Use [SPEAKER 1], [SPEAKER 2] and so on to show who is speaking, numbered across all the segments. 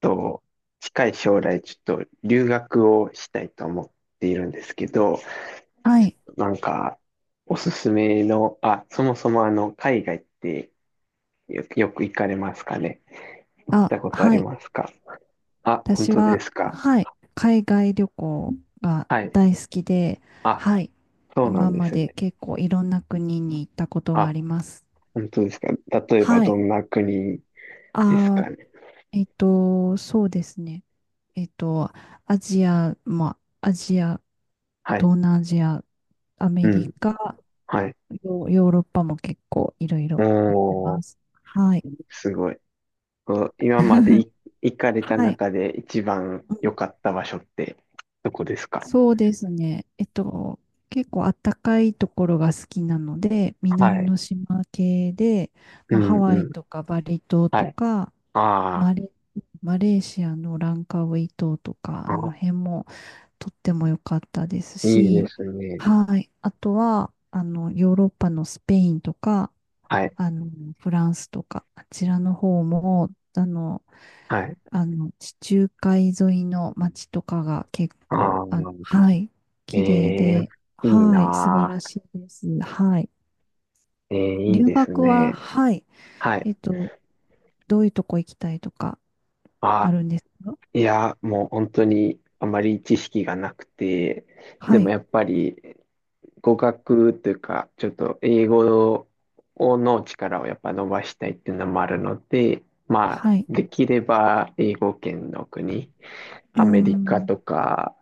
[SPEAKER 1] と、近い将来ちょっと留学をしたいと思っているんですけど、
[SPEAKER 2] はい。
[SPEAKER 1] なんか、おすすめの、あ、そもそもあの、海外ってよく行かれますかね。行っ
[SPEAKER 2] あ、
[SPEAKER 1] たことあ
[SPEAKER 2] は
[SPEAKER 1] り
[SPEAKER 2] い。
[SPEAKER 1] ますか？あ、本
[SPEAKER 2] 私
[SPEAKER 1] 当で
[SPEAKER 2] は、
[SPEAKER 1] すか。
[SPEAKER 2] はい、海外旅行が
[SPEAKER 1] はい。
[SPEAKER 2] 大好きで、
[SPEAKER 1] あ、
[SPEAKER 2] はい。
[SPEAKER 1] そうな
[SPEAKER 2] 今
[SPEAKER 1] んで
[SPEAKER 2] ま
[SPEAKER 1] す
[SPEAKER 2] で
[SPEAKER 1] ね。
[SPEAKER 2] 結構いろんな国に行ったことがあ
[SPEAKER 1] あ、
[SPEAKER 2] ります。
[SPEAKER 1] 本当ですか。例えば
[SPEAKER 2] は
[SPEAKER 1] ど
[SPEAKER 2] い。
[SPEAKER 1] んな国です
[SPEAKER 2] あ
[SPEAKER 1] かね。
[SPEAKER 2] そうですね。えっと、アジア、
[SPEAKER 1] はい。
[SPEAKER 2] 東南アジア、ア
[SPEAKER 1] う
[SPEAKER 2] メリ
[SPEAKER 1] ん。
[SPEAKER 2] カ、
[SPEAKER 1] はい。
[SPEAKER 2] ヨーロッパも結構いろいろ行って
[SPEAKER 1] お
[SPEAKER 2] ま
[SPEAKER 1] ー、
[SPEAKER 2] す。はい。
[SPEAKER 1] すごい。こう今まで い行かれた
[SPEAKER 2] はい。
[SPEAKER 1] 中で一番
[SPEAKER 2] う
[SPEAKER 1] 良
[SPEAKER 2] ん
[SPEAKER 1] かった場所ってどこですか？
[SPEAKER 2] そうですね。結構あったかいところが好きなので、
[SPEAKER 1] は
[SPEAKER 2] 南
[SPEAKER 1] い。
[SPEAKER 2] の島系で、
[SPEAKER 1] う
[SPEAKER 2] まあ、ハ
[SPEAKER 1] ん
[SPEAKER 2] ワ
[SPEAKER 1] う
[SPEAKER 2] イ
[SPEAKER 1] ん。
[SPEAKER 2] とかバリ島
[SPEAKER 1] は
[SPEAKER 2] と
[SPEAKER 1] い。
[SPEAKER 2] か、
[SPEAKER 1] あ
[SPEAKER 2] マレ、マレーシアのランカウイ島とか、
[SPEAKER 1] ー、
[SPEAKER 2] あの
[SPEAKER 1] あ、
[SPEAKER 2] 辺もとっても良かったです
[SPEAKER 1] いいで
[SPEAKER 2] し、
[SPEAKER 1] すね。
[SPEAKER 2] はい。あとは、あの、ヨーロッパのスペインとか、
[SPEAKER 1] はい。
[SPEAKER 2] あの、フランスとか、あちらの方も、あの、
[SPEAKER 1] はい。
[SPEAKER 2] あの、地中海沿いの街とかが結
[SPEAKER 1] あ
[SPEAKER 2] 構、あの、
[SPEAKER 1] あ、
[SPEAKER 2] はい、
[SPEAKER 1] え
[SPEAKER 2] 綺麗
[SPEAKER 1] え、
[SPEAKER 2] で、
[SPEAKER 1] いい
[SPEAKER 2] はい、素晴
[SPEAKER 1] な
[SPEAKER 2] ら
[SPEAKER 1] あ。
[SPEAKER 2] しいです。はい。
[SPEAKER 1] ええ、いい
[SPEAKER 2] 留
[SPEAKER 1] です
[SPEAKER 2] 学は、
[SPEAKER 1] ね。
[SPEAKER 2] はい、
[SPEAKER 1] はい。
[SPEAKER 2] えっと、どういうとこ行きたいとかあ
[SPEAKER 1] あ、
[SPEAKER 2] るんですか？
[SPEAKER 1] いや、もう本当にあまり知識がなくて、で
[SPEAKER 2] は
[SPEAKER 1] も
[SPEAKER 2] い、
[SPEAKER 1] やっぱり語学というか、ちょっと英語の力をやっぱ伸ばしたいっていうのもあるので、まあ、
[SPEAKER 2] はい。
[SPEAKER 1] できれば英語圏の国、
[SPEAKER 2] うー
[SPEAKER 1] アメリカ
[SPEAKER 2] ん、
[SPEAKER 1] とか、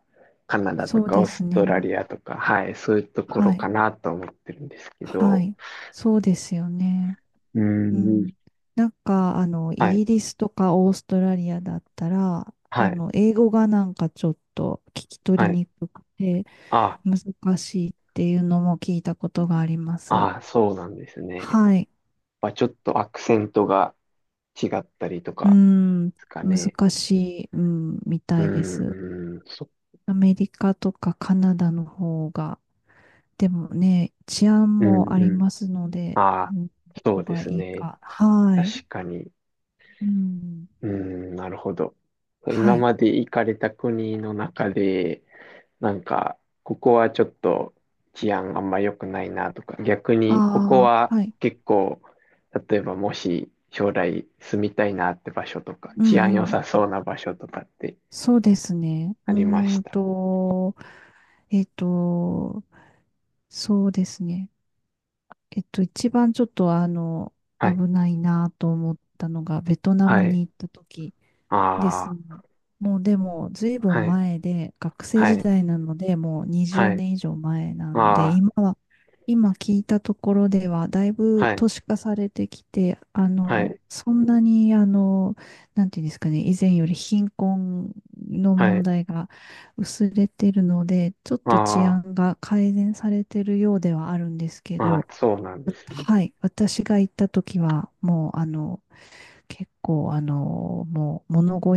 [SPEAKER 1] カナダと
[SPEAKER 2] そう
[SPEAKER 1] か、オ
[SPEAKER 2] で
[SPEAKER 1] ー
[SPEAKER 2] す
[SPEAKER 1] スト
[SPEAKER 2] ね。
[SPEAKER 1] ラリアとか、はい、そういうとこ
[SPEAKER 2] は
[SPEAKER 1] ろか
[SPEAKER 2] い、
[SPEAKER 1] なと思ってるんですけ
[SPEAKER 2] は
[SPEAKER 1] ど、
[SPEAKER 2] い。そうですよね。
[SPEAKER 1] うー
[SPEAKER 2] う
[SPEAKER 1] ん、
[SPEAKER 2] ん。なんか、あの、イ
[SPEAKER 1] はい、
[SPEAKER 2] ギリスとかオーストラリアだったら、
[SPEAKER 1] は
[SPEAKER 2] あ
[SPEAKER 1] い、
[SPEAKER 2] の、英語がなんかちょっと聞き取
[SPEAKER 1] は
[SPEAKER 2] り
[SPEAKER 1] い。
[SPEAKER 2] にくくて、
[SPEAKER 1] あ、
[SPEAKER 2] 難しいっていうのも聞いたことがあります。
[SPEAKER 1] あ、そうなんですね。
[SPEAKER 2] はい。
[SPEAKER 1] まあ、ちょっとアクセントが違ったりと
[SPEAKER 2] う
[SPEAKER 1] か
[SPEAKER 2] ん、
[SPEAKER 1] ですかね。
[SPEAKER 2] 難しい、うん、み
[SPEAKER 1] う
[SPEAKER 2] たいで
[SPEAKER 1] ん、
[SPEAKER 2] す。
[SPEAKER 1] うん、
[SPEAKER 2] アメリカとかカナダの方が、でもね、治安
[SPEAKER 1] う
[SPEAKER 2] もあ
[SPEAKER 1] ん、
[SPEAKER 2] り
[SPEAKER 1] うん。
[SPEAKER 2] ますので、
[SPEAKER 1] あ、
[SPEAKER 2] うん、ど
[SPEAKER 1] そう
[SPEAKER 2] こ
[SPEAKER 1] で
[SPEAKER 2] がい
[SPEAKER 1] す
[SPEAKER 2] い
[SPEAKER 1] ね。
[SPEAKER 2] か。はい。
[SPEAKER 1] 確かに。
[SPEAKER 2] うん、
[SPEAKER 1] うーん、なるほど。
[SPEAKER 2] は
[SPEAKER 1] 今
[SPEAKER 2] い。
[SPEAKER 1] まで行かれた国の中で、なんか、ここはちょっと治安あんま良くないなとか、逆にここ
[SPEAKER 2] あ
[SPEAKER 1] は
[SPEAKER 2] あ、はい。
[SPEAKER 1] 結構、例えばもし将来住みたいなって場所とか、
[SPEAKER 2] う
[SPEAKER 1] 治安
[SPEAKER 2] んう
[SPEAKER 1] 良
[SPEAKER 2] ん。
[SPEAKER 1] さそうな場所とかって
[SPEAKER 2] そうですね。う
[SPEAKER 1] ありまし
[SPEAKER 2] ーん
[SPEAKER 1] た？
[SPEAKER 2] と、えっと、そうですね。一番ちょっとあの、
[SPEAKER 1] はい、
[SPEAKER 2] 危ないなと思ったのが、ベトナ
[SPEAKER 1] は
[SPEAKER 2] ムに
[SPEAKER 1] い、
[SPEAKER 2] 行った時です
[SPEAKER 1] あ
[SPEAKER 2] ね。
[SPEAKER 1] あ、
[SPEAKER 2] もうでも、ずいぶん
[SPEAKER 1] はい、
[SPEAKER 2] 前で、学生
[SPEAKER 1] は
[SPEAKER 2] 時
[SPEAKER 1] い、
[SPEAKER 2] 代なので、もう20
[SPEAKER 1] はい、
[SPEAKER 2] 年以上前なんで、
[SPEAKER 1] ああ、
[SPEAKER 2] 今は、今聞いたところでは、だいぶ
[SPEAKER 1] はい、
[SPEAKER 2] 都市化されてきて、あ
[SPEAKER 1] は
[SPEAKER 2] の、
[SPEAKER 1] い、
[SPEAKER 2] そんなに、あの、なんていうんですかね、以前より貧困の
[SPEAKER 1] は
[SPEAKER 2] 問
[SPEAKER 1] い、
[SPEAKER 2] 題が薄れてるので、ちょっと治
[SPEAKER 1] あ
[SPEAKER 2] 安が改善されてるようではあるんですけ
[SPEAKER 1] あ、あ
[SPEAKER 2] ど、
[SPEAKER 1] あ、そうなんですね。
[SPEAKER 2] はい。私が行った時は、もう、あの、結構、あの、もう、物乞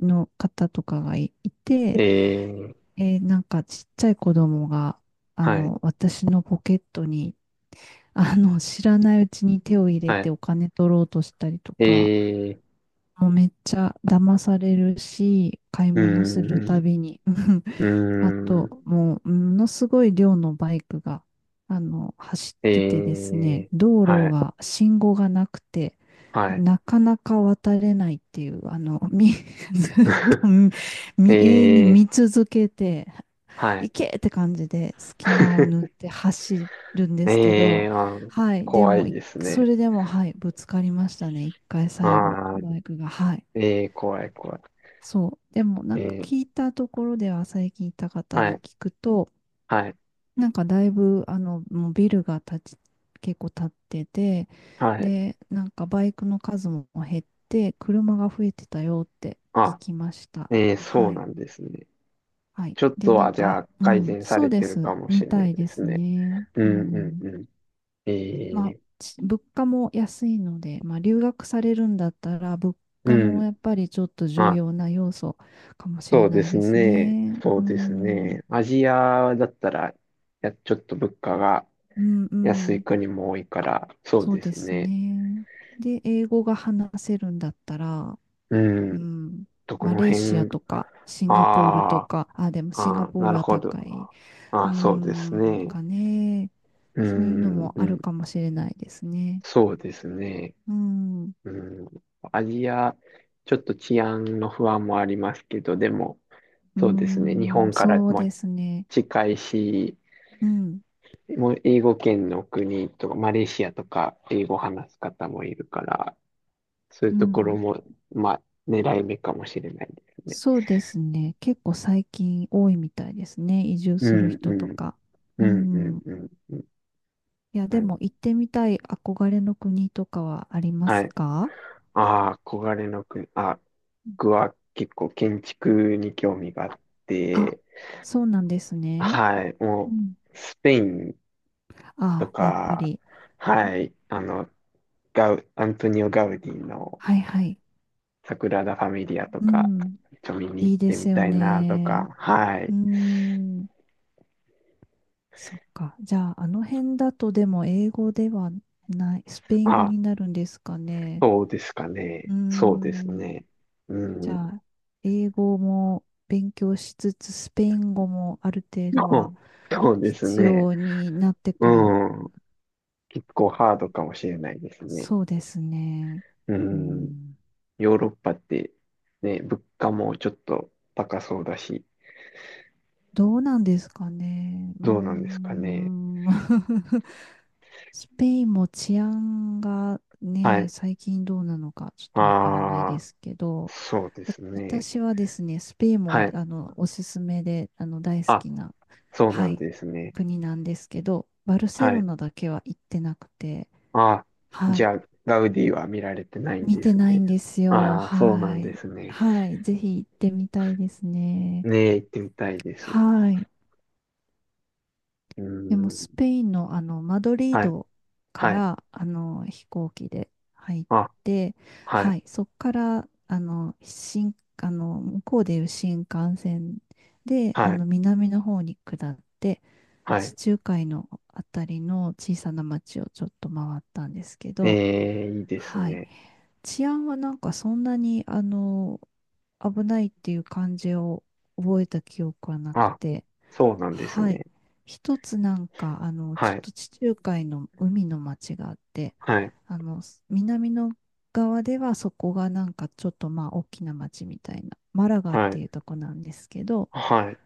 [SPEAKER 2] いの方とかがい
[SPEAKER 1] え
[SPEAKER 2] て、
[SPEAKER 1] え、
[SPEAKER 2] なんか、ちっちゃい子供が、あ
[SPEAKER 1] はい、
[SPEAKER 2] の、私のポケットに、あの、知らないうちに手を入れ
[SPEAKER 1] は
[SPEAKER 2] て
[SPEAKER 1] い、
[SPEAKER 2] お金取ろうとしたりとか、
[SPEAKER 1] ええ、
[SPEAKER 2] もうめっちゃ騙されるし、買い
[SPEAKER 1] うー
[SPEAKER 2] 物するた
[SPEAKER 1] ん、
[SPEAKER 2] びに、うん、
[SPEAKER 1] うー
[SPEAKER 2] あ
[SPEAKER 1] ん、
[SPEAKER 2] と、もう、ものすごい量のバイクが、あの、走
[SPEAKER 1] え
[SPEAKER 2] っててですね、
[SPEAKER 1] ー、
[SPEAKER 2] 道路
[SPEAKER 1] はい、
[SPEAKER 2] が、信号がなくて、
[SPEAKER 1] はい。
[SPEAKER 2] なかなか渡れないっていう、ずっと 永遠に
[SPEAKER 1] えー、
[SPEAKER 2] 見続けて、
[SPEAKER 1] はい。
[SPEAKER 2] 行けって感じで隙間を縫っ て走るんですけど、
[SPEAKER 1] えー、あ、
[SPEAKER 2] はい、で
[SPEAKER 1] 怖
[SPEAKER 2] も、
[SPEAKER 1] いです
[SPEAKER 2] そ
[SPEAKER 1] ね。
[SPEAKER 2] れでも、はい、ぶつかりましたね、一回最後、
[SPEAKER 1] あー、
[SPEAKER 2] バイクが、はい。
[SPEAKER 1] えー、怖い、怖
[SPEAKER 2] そう。でも、な
[SPEAKER 1] い。
[SPEAKER 2] ん
[SPEAKER 1] え
[SPEAKER 2] か
[SPEAKER 1] ー、
[SPEAKER 2] 聞いたところでは、最近いた方
[SPEAKER 1] は
[SPEAKER 2] に
[SPEAKER 1] い、
[SPEAKER 2] 聞くと、
[SPEAKER 1] はい、
[SPEAKER 2] なんかだいぶ、あの、もうビルが建ち、結構建ってて、
[SPEAKER 1] はい。
[SPEAKER 2] で、なんかバイクの数も減って、車が増えてたよって聞
[SPEAKER 1] あ、
[SPEAKER 2] きました。
[SPEAKER 1] えー、そ
[SPEAKER 2] は
[SPEAKER 1] う
[SPEAKER 2] い。
[SPEAKER 1] なんですね。
[SPEAKER 2] はい。
[SPEAKER 1] ちょっ
[SPEAKER 2] で、
[SPEAKER 1] と
[SPEAKER 2] な
[SPEAKER 1] は、
[SPEAKER 2] ん
[SPEAKER 1] じゃ
[SPEAKER 2] か、
[SPEAKER 1] あ、
[SPEAKER 2] う
[SPEAKER 1] 改
[SPEAKER 2] ん、
[SPEAKER 1] 善さ
[SPEAKER 2] そう
[SPEAKER 1] れ
[SPEAKER 2] で
[SPEAKER 1] てる
[SPEAKER 2] す。
[SPEAKER 1] かもし
[SPEAKER 2] み
[SPEAKER 1] れな
[SPEAKER 2] た
[SPEAKER 1] い
[SPEAKER 2] い
[SPEAKER 1] で
[SPEAKER 2] で
[SPEAKER 1] す
[SPEAKER 2] す
[SPEAKER 1] ね。
[SPEAKER 2] ね。
[SPEAKER 1] う
[SPEAKER 2] う
[SPEAKER 1] ん、う
[SPEAKER 2] ん。
[SPEAKER 1] ん、うん。え
[SPEAKER 2] まあ、
[SPEAKER 1] ー、
[SPEAKER 2] 物価も安いので、まあ、留学されるんだったら、物
[SPEAKER 1] う
[SPEAKER 2] 価
[SPEAKER 1] ん。
[SPEAKER 2] もやっぱりちょっと重
[SPEAKER 1] あ、
[SPEAKER 2] 要な要素かもし
[SPEAKER 1] そ
[SPEAKER 2] れ
[SPEAKER 1] うで
[SPEAKER 2] ない
[SPEAKER 1] す
[SPEAKER 2] です
[SPEAKER 1] ね。
[SPEAKER 2] ね。
[SPEAKER 1] そ
[SPEAKER 2] う
[SPEAKER 1] うです
[SPEAKER 2] ん。
[SPEAKER 1] ね。アジアだったら、いや、ちょっと物価が
[SPEAKER 2] うんう
[SPEAKER 1] 安い
[SPEAKER 2] ん。
[SPEAKER 1] 国も多いから、そう
[SPEAKER 2] そう
[SPEAKER 1] で
[SPEAKER 2] で
[SPEAKER 1] す
[SPEAKER 2] す
[SPEAKER 1] ね。
[SPEAKER 2] ね。で、英語が話せるんだったら、
[SPEAKER 1] う
[SPEAKER 2] う
[SPEAKER 1] ん。
[SPEAKER 2] ん、
[SPEAKER 1] どこ
[SPEAKER 2] マ
[SPEAKER 1] の
[SPEAKER 2] レーシア
[SPEAKER 1] 辺、
[SPEAKER 2] とか、シンガポールと
[SPEAKER 1] ああ、
[SPEAKER 2] か、あ、でもシン
[SPEAKER 1] あ
[SPEAKER 2] ガ
[SPEAKER 1] あ、
[SPEAKER 2] ポー
[SPEAKER 1] な
[SPEAKER 2] ル
[SPEAKER 1] る
[SPEAKER 2] は
[SPEAKER 1] ほど。
[SPEAKER 2] 高い。
[SPEAKER 1] あ
[SPEAKER 2] う
[SPEAKER 1] あ、そうです
[SPEAKER 2] ん、なん
[SPEAKER 1] ね。
[SPEAKER 2] かね、
[SPEAKER 1] う
[SPEAKER 2] そういうの
[SPEAKER 1] ん、
[SPEAKER 2] も
[SPEAKER 1] う
[SPEAKER 2] あるか
[SPEAKER 1] ん。
[SPEAKER 2] もしれないですね。
[SPEAKER 1] そうですね。
[SPEAKER 2] うん、
[SPEAKER 1] うん。アジア、ちょっと治安の不安もありますけど、でも、
[SPEAKER 2] う
[SPEAKER 1] そうですね。日
[SPEAKER 2] ん、
[SPEAKER 1] 本から
[SPEAKER 2] そう
[SPEAKER 1] も
[SPEAKER 2] ですね。
[SPEAKER 1] 近いし、
[SPEAKER 2] うん、
[SPEAKER 1] もう英語圏の国とか、マレーシアとか、英語話す方もいるから、そういう
[SPEAKER 2] う
[SPEAKER 1] ところ
[SPEAKER 2] ん、
[SPEAKER 1] も、まあ、狙い目かもしれないですね。
[SPEAKER 2] そうですね。結構最近多いみたいですね。移住
[SPEAKER 1] う
[SPEAKER 2] する
[SPEAKER 1] ん、
[SPEAKER 2] 人
[SPEAKER 1] う
[SPEAKER 2] と
[SPEAKER 1] ん、
[SPEAKER 2] か。う
[SPEAKER 1] うん、うん、
[SPEAKER 2] ん、い
[SPEAKER 1] うん。
[SPEAKER 2] や、
[SPEAKER 1] う
[SPEAKER 2] で
[SPEAKER 1] ん、
[SPEAKER 2] も行ってみたい憧れの国とかはありま
[SPEAKER 1] は
[SPEAKER 2] す
[SPEAKER 1] い。
[SPEAKER 2] か？
[SPEAKER 1] ああ、憧れの国。あ、僕は結構建築に興味があっ
[SPEAKER 2] あ、
[SPEAKER 1] て、
[SPEAKER 2] そうなんですね。
[SPEAKER 1] はい、
[SPEAKER 2] う
[SPEAKER 1] も
[SPEAKER 2] ん。
[SPEAKER 1] う、スペインと
[SPEAKER 2] あ、やっぱ
[SPEAKER 1] か、
[SPEAKER 2] り。
[SPEAKER 1] はい、あの、アントニオ・ガウディの、
[SPEAKER 2] はいはい。
[SPEAKER 1] サグラダ・ファミリアと
[SPEAKER 2] う
[SPEAKER 1] か、
[SPEAKER 2] ん。
[SPEAKER 1] 見に行
[SPEAKER 2] い
[SPEAKER 1] っ
[SPEAKER 2] いで
[SPEAKER 1] て
[SPEAKER 2] す
[SPEAKER 1] み
[SPEAKER 2] よ
[SPEAKER 1] たいなと
[SPEAKER 2] ね。
[SPEAKER 1] か、は
[SPEAKER 2] うー
[SPEAKER 1] い。
[SPEAKER 2] ん。そっか。じゃあ、あの辺だとでも英語ではない、スペイン語
[SPEAKER 1] あ、
[SPEAKER 2] になるんですかね。
[SPEAKER 1] そうですか
[SPEAKER 2] うー
[SPEAKER 1] ね。そうです
[SPEAKER 2] ん。
[SPEAKER 1] ね。
[SPEAKER 2] じ
[SPEAKER 1] うん。
[SPEAKER 2] ゃあ、英語も勉強しつつ、スペイン語もある程 度は
[SPEAKER 1] そそうです
[SPEAKER 2] 必
[SPEAKER 1] ね。
[SPEAKER 2] 要になってくる。
[SPEAKER 1] うん。結構ハードかもしれないですね。
[SPEAKER 2] そうですね。
[SPEAKER 1] う
[SPEAKER 2] う
[SPEAKER 1] ん。
[SPEAKER 2] ん。
[SPEAKER 1] ヨーロッパって、ね、物価もちょっと高そうだし、
[SPEAKER 2] どうなんですかね。うー
[SPEAKER 1] どうなんですかね。
[SPEAKER 2] ん。スペインも治安が
[SPEAKER 1] は
[SPEAKER 2] ね、
[SPEAKER 1] い。
[SPEAKER 2] 最近どうなのかちょっとわからない
[SPEAKER 1] あ
[SPEAKER 2] で
[SPEAKER 1] あ、
[SPEAKER 2] すけど、
[SPEAKER 1] そうですね。
[SPEAKER 2] 私はですね、スペイン
[SPEAKER 1] は
[SPEAKER 2] も
[SPEAKER 1] い。
[SPEAKER 2] あのおすすめであの大好
[SPEAKER 1] あ、
[SPEAKER 2] きな、
[SPEAKER 1] そうな
[SPEAKER 2] は
[SPEAKER 1] ん
[SPEAKER 2] い、
[SPEAKER 1] ですね。
[SPEAKER 2] 国なんですけど、バルセ
[SPEAKER 1] は
[SPEAKER 2] ロ
[SPEAKER 1] い。
[SPEAKER 2] ナだけは行ってなくて、
[SPEAKER 1] あ、
[SPEAKER 2] は
[SPEAKER 1] じ
[SPEAKER 2] い、
[SPEAKER 1] ゃあ、ガウディは見られてないん
[SPEAKER 2] 見
[SPEAKER 1] で
[SPEAKER 2] て
[SPEAKER 1] す
[SPEAKER 2] ない
[SPEAKER 1] ね。
[SPEAKER 2] んですよ。
[SPEAKER 1] ああ、そうな
[SPEAKER 2] は
[SPEAKER 1] んで
[SPEAKER 2] い。
[SPEAKER 1] すね。
[SPEAKER 2] はい、ぜひ行ってみたいですね。
[SPEAKER 1] ねえ、行ってみたいです。う
[SPEAKER 2] はい。
[SPEAKER 1] ー
[SPEAKER 2] でもスペ
[SPEAKER 1] ん。
[SPEAKER 2] インのあのマドリー
[SPEAKER 1] はい、
[SPEAKER 2] ドか
[SPEAKER 1] はい。
[SPEAKER 2] らあの飛行機で入っ
[SPEAKER 1] あ、
[SPEAKER 2] て、
[SPEAKER 1] はい、
[SPEAKER 2] はい、そこからあの新、あの向こうでいう新幹線であ
[SPEAKER 1] はい、
[SPEAKER 2] の南の方に下って、
[SPEAKER 1] は
[SPEAKER 2] 地
[SPEAKER 1] い。
[SPEAKER 2] 中海のあたりの小さな町をちょっと回ったんですけ
[SPEAKER 1] え
[SPEAKER 2] ど、
[SPEAKER 1] え、いいです
[SPEAKER 2] はい、
[SPEAKER 1] ね。
[SPEAKER 2] 治安はなんかそんなにあの危ないっていう感じを覚えた記憶はなく
[SPEAKER 1] あ、
[SPEAKER 2] て、
[SPEAKER 1] そうなんです
[SPEAKER 2] は
[SPEAKER 1] ね。
[SPEAKER 2] い。一つなんか、あの、ちょ
[SPEAKER 1] は
[SPEAKER 2] っ
[SPEAKER 1] い、
[SPEAKER 2] と地中海の海の町があって、
[SPEAKER 1] はい、
[SPEAKER 2] あの、南の側ではそこがなんかちょっとまあ大きな町みたいな、マラガっ
[SPEAKER 1] は
[SPEAKER 2] て
[SPEAKER 1] い、
[SPEAKER 2] いうとこなんですけど、
[SPEAKER 1] はい、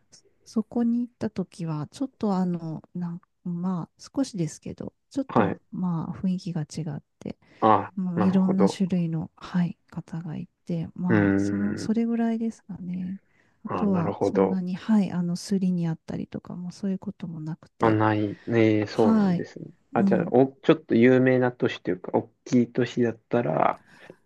[SPEAKER 2] そこに行った時は、ちょっとあの、まあ少しですけど、ちょっ
[SPEAKER 1] は
[SPEAKER 2] と
[SPEAKER 1] い。
[SPEAKER 2] まあ雰囲気が違って、
[SPEAKER 1] あ、
[SPEAKER 2] もう
[SPEAKER 1] な
[SPEAKER 2] い
[SPEAKER 1] る
[SPEAKER 2] ろ
[SPEAKER 1] ほ
[SPEAKER 2] んな
[SPEAKER 1] ど。
[SPEAKER 2] 種類の、はい、方がいて、
[SPEAKER 1] うー
[SPEAKER 2] まあ、その、
[SPEAKER 1] ん。
[SPEAKER 2] それぐらいですかね。あ
[SPEAKER 1] あ、
[SPEAKER 2] と
[SPEAKER 1] なる
[SPEAKER 2] は、
[SPEAKER 1] ほ
[SPEAKER 2] そん
[SPEAKER 1] ど。
[SPEAKER 2] なに、はい、あの、すりにあったりとかも、そういうこともなく
[SPEAKER 1] あ、
[SPEAKER 2] て、
[SPEAKER 1] ない。ねえ、そうなん
[SPEAKER 2] はい、
[SPEAKER 1] ですね。
[SPEAKER 2] う
[SPEAKER 1] あ、じゃあ、
[SPEAKER 2] ん、
[SPEAKER 1] お、ちょっと有名な都市というか、大きい都市だったら、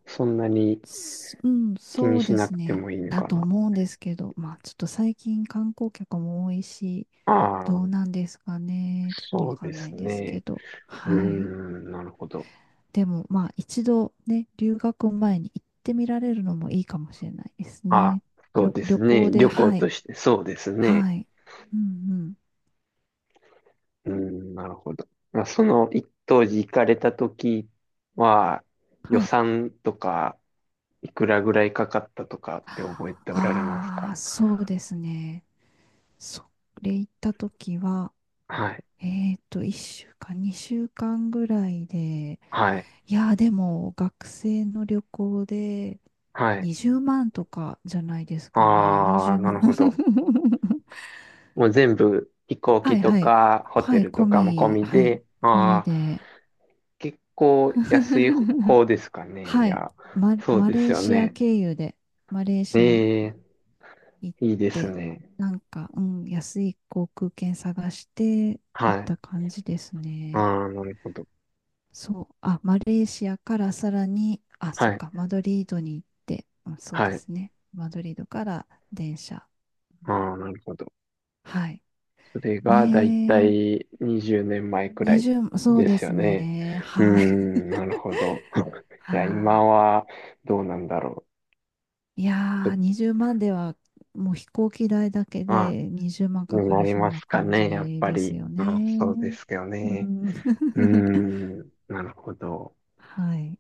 [SPEAKER 1] そんなに、
[SPEAKER 2] うん、
[SPEAKER 1] 気
[SPEAKER 2] そ
[SPEAKER 1] に
[SPEAKER 2] う
[SPEAKER 1] し
[SPEAKER 2] で
[SPEAKER 1] な
[SPEAKER 2] す
[SPEAKER 1] くて
[SPEAKER 2] ね。
[SPEAKER 1] もいいの
[SPEAKER 2] だ
[SPEAKER 1] か
[SPEAKER 2] と
[SPEAKER 1] な。
[SPEAKER 2] 思うんですけど、まあ、ちょっと最近観光客も多いし、
[SPEAKER 1] あ
[SPEAKER 2] どう
[SPEAKER 1] あ、
[SPEAKER 2] なんですかね。ちょっと
[SPEAKER 1] そ
[SPEAKER 2] わ
[SPEAKER 1] う
[SPEAKER 2] か
[SPEAKER 1] で
[SPEAKER 2] んな
[SPEAKER 1] す
[SPEAKER 2] いですけ
[SPEAKER 1] ね。
[SPEAKER 2] ど、
[SPEAKER 1] うー
[SPEAKER 2] はい。
[SPEAKER 1] ん、なるほど。
[SPEAKER 2] でも、まあ、一度ね、留学前に行ってみられるのもいいかもしれないです
[SPEAKER 1] あ、
[SPEAKER 2] ね。
[SPEAKER 1] そうです
[SPEAKER 2] 旅
[SPEAKER 1] ね。
[SPEAKER 2] 行で、
[SPEAKER 1] 旅行
[SPEAKER 2] は
[SPEAKER 1] と
[SPEAKER 2] い、
[SPEAKER 1] して、そうですね。
[SPEAKER 2] はい。うんうん。
[SPEAKER 1] うーん、なるほど。まあ、その一当時行かれた時は、予
[SPEAKER 2] はい。
[SPEAKER 1] 算とか、いくらぐらいかかったとかって覚えておられますか？
[SPEAKER 2] ああ、そうですね。それ行った時は、
[SPEAKER 1] はい、
[SPEAKER 2] 1週間、2週間ぐらいで、
[SPEAKER 1] はい、
[SPEAKER 2] いやー、でも、学生の旅行で
[SPEAKER 1] はい。
[SPEAKER 2] 20万とかじゃないですかね。
[SPEAKER 1] あ
[SPEAKER 2] 20
[SPEAKER 1] あ、な
[SPEAKER 2] 万。
[SPEAKER 1] る ほど。もう全部飛行
[SPEAKER 2] は
[SPEAKER 1] 機
[SPEAKER 2] い
[SPEAKER 1] と
[SPEAKER 2] はい。
[SPEAKER 1] かホテ
[SPEAKER 2] はい、
[SPEAKER 1] ルと
[SPEAKER 2] 込
[SPEAKER 1] かも込
[SPEAKER 2] み、
[SPEAKER 1] み
[SPEAKER 2] はい、
[SPEAKER 1] で、
[SPEAKER 2] 込み
[SPEAKER 1] ああ、
[SPEAKER 2] で。
[SPEAKER 1] 結構安い 方ですかね。い
[SPEAKER 2] はい。
[SPEAKER 1] や、そう
[SPEAKER 2] マ
[SPEAKER 1] です
[SPEAKER 2] レー
[SPEAKER 1] よ
[SPEAKER 2] シア
[SPEAKER 1] ね。
[SPEAKER 2] 経由で、マレー
[SPEAKER 1] え
[SPEAKER 2] シア
[SPEAKER 1] え、
[SPEAKER 2] 行っ
[SPEAKER 1] いいです
[SPEAKER 2] て、
[SPEAKER 1] ね。
[SPEAKER 2] なんか、うん、安い航空券探して行っ
[SPEAKER 1] はい。
[SPEAKER 2] た感じです
[SPEAKER 1] あ
[SPEAKER 2] ね。
[SPEAKER 1] あ、なるほど。
[SPEAKER 2] そう、あ、マレーシアからさらに、あ、そ
[SPEAKER 1] は
[SPEAKER 2] っ
[SPEAKER 1] い。
[SPEAKER 2] か、マドリードに行って、うん、そうで
[SPEAKER 1] はい。
[SPEAKER 2] すね。マドリードから電車。
[SPEAKER 1] ああ、なるほど。
[SPEAKER 2] はい。
[SPEAKER 1] それがだいた
[SPEAKER 2] ね
[SPEAKER 1] い20年前く
[SPEAKER 2] え、
[SPEAKER 1] らい
[SPEAKER 2] 20、そう
[SPEAKER 1] で
[SPEAKER 2] で
[SPEAKER 1] すよ
[SPEAKER 2] す
[SPEAKER 1] ね。
[SPEAKER 2] ね。
[SPEAKER 1] うー
[SPEAKER 2] はい。
[SPEAKER 1] ん、なるほど。いや、今
[SPEAKER 2] は
[SPEAKER 1] はどうなんだろ
[SPEAKER 2] い。い
[SPEAKER 1] う。
[SPEAKER 2] や
[SPEAKER 1] ちょ
[SPEAKER 2] ー、
[SPEAKER 1] っと、
[SPEAKER 2] 20万では、もう飛行機代だけ
[SPEAKER 1] ああ、
[SPEAKER 2] で20万か
[SPEAKER 1] に
[SPEAKER 2] か
[SPEAKER 1] な
[SPEAKER 2] り
[SPEAKER 1] り
[SPEAKER 2] そう
[SPEAKER 1] ま
[SPEAKER 2] な
[SPEAKER 1] すか
[SPEAKER 2] 感
[SPEAKER 1] ね、やっ
[SPEAKER 2] じ
[SPEAKER 1] ぱ
[SPEAKER 2] です
[SPEAKER 1] り。
[SPEAKER 2] よ
[SPEAKER 1] ああ、そ
[SPEAKER 2] ね。
[SPEAKER 1] うですよ
[SPEAKER 2] う
[SPEAKER 1] ね。
[SPEAKER 2] ん。
[SPEAKER 1] うー ん、なるほど。
[SPEAKER 2] はい。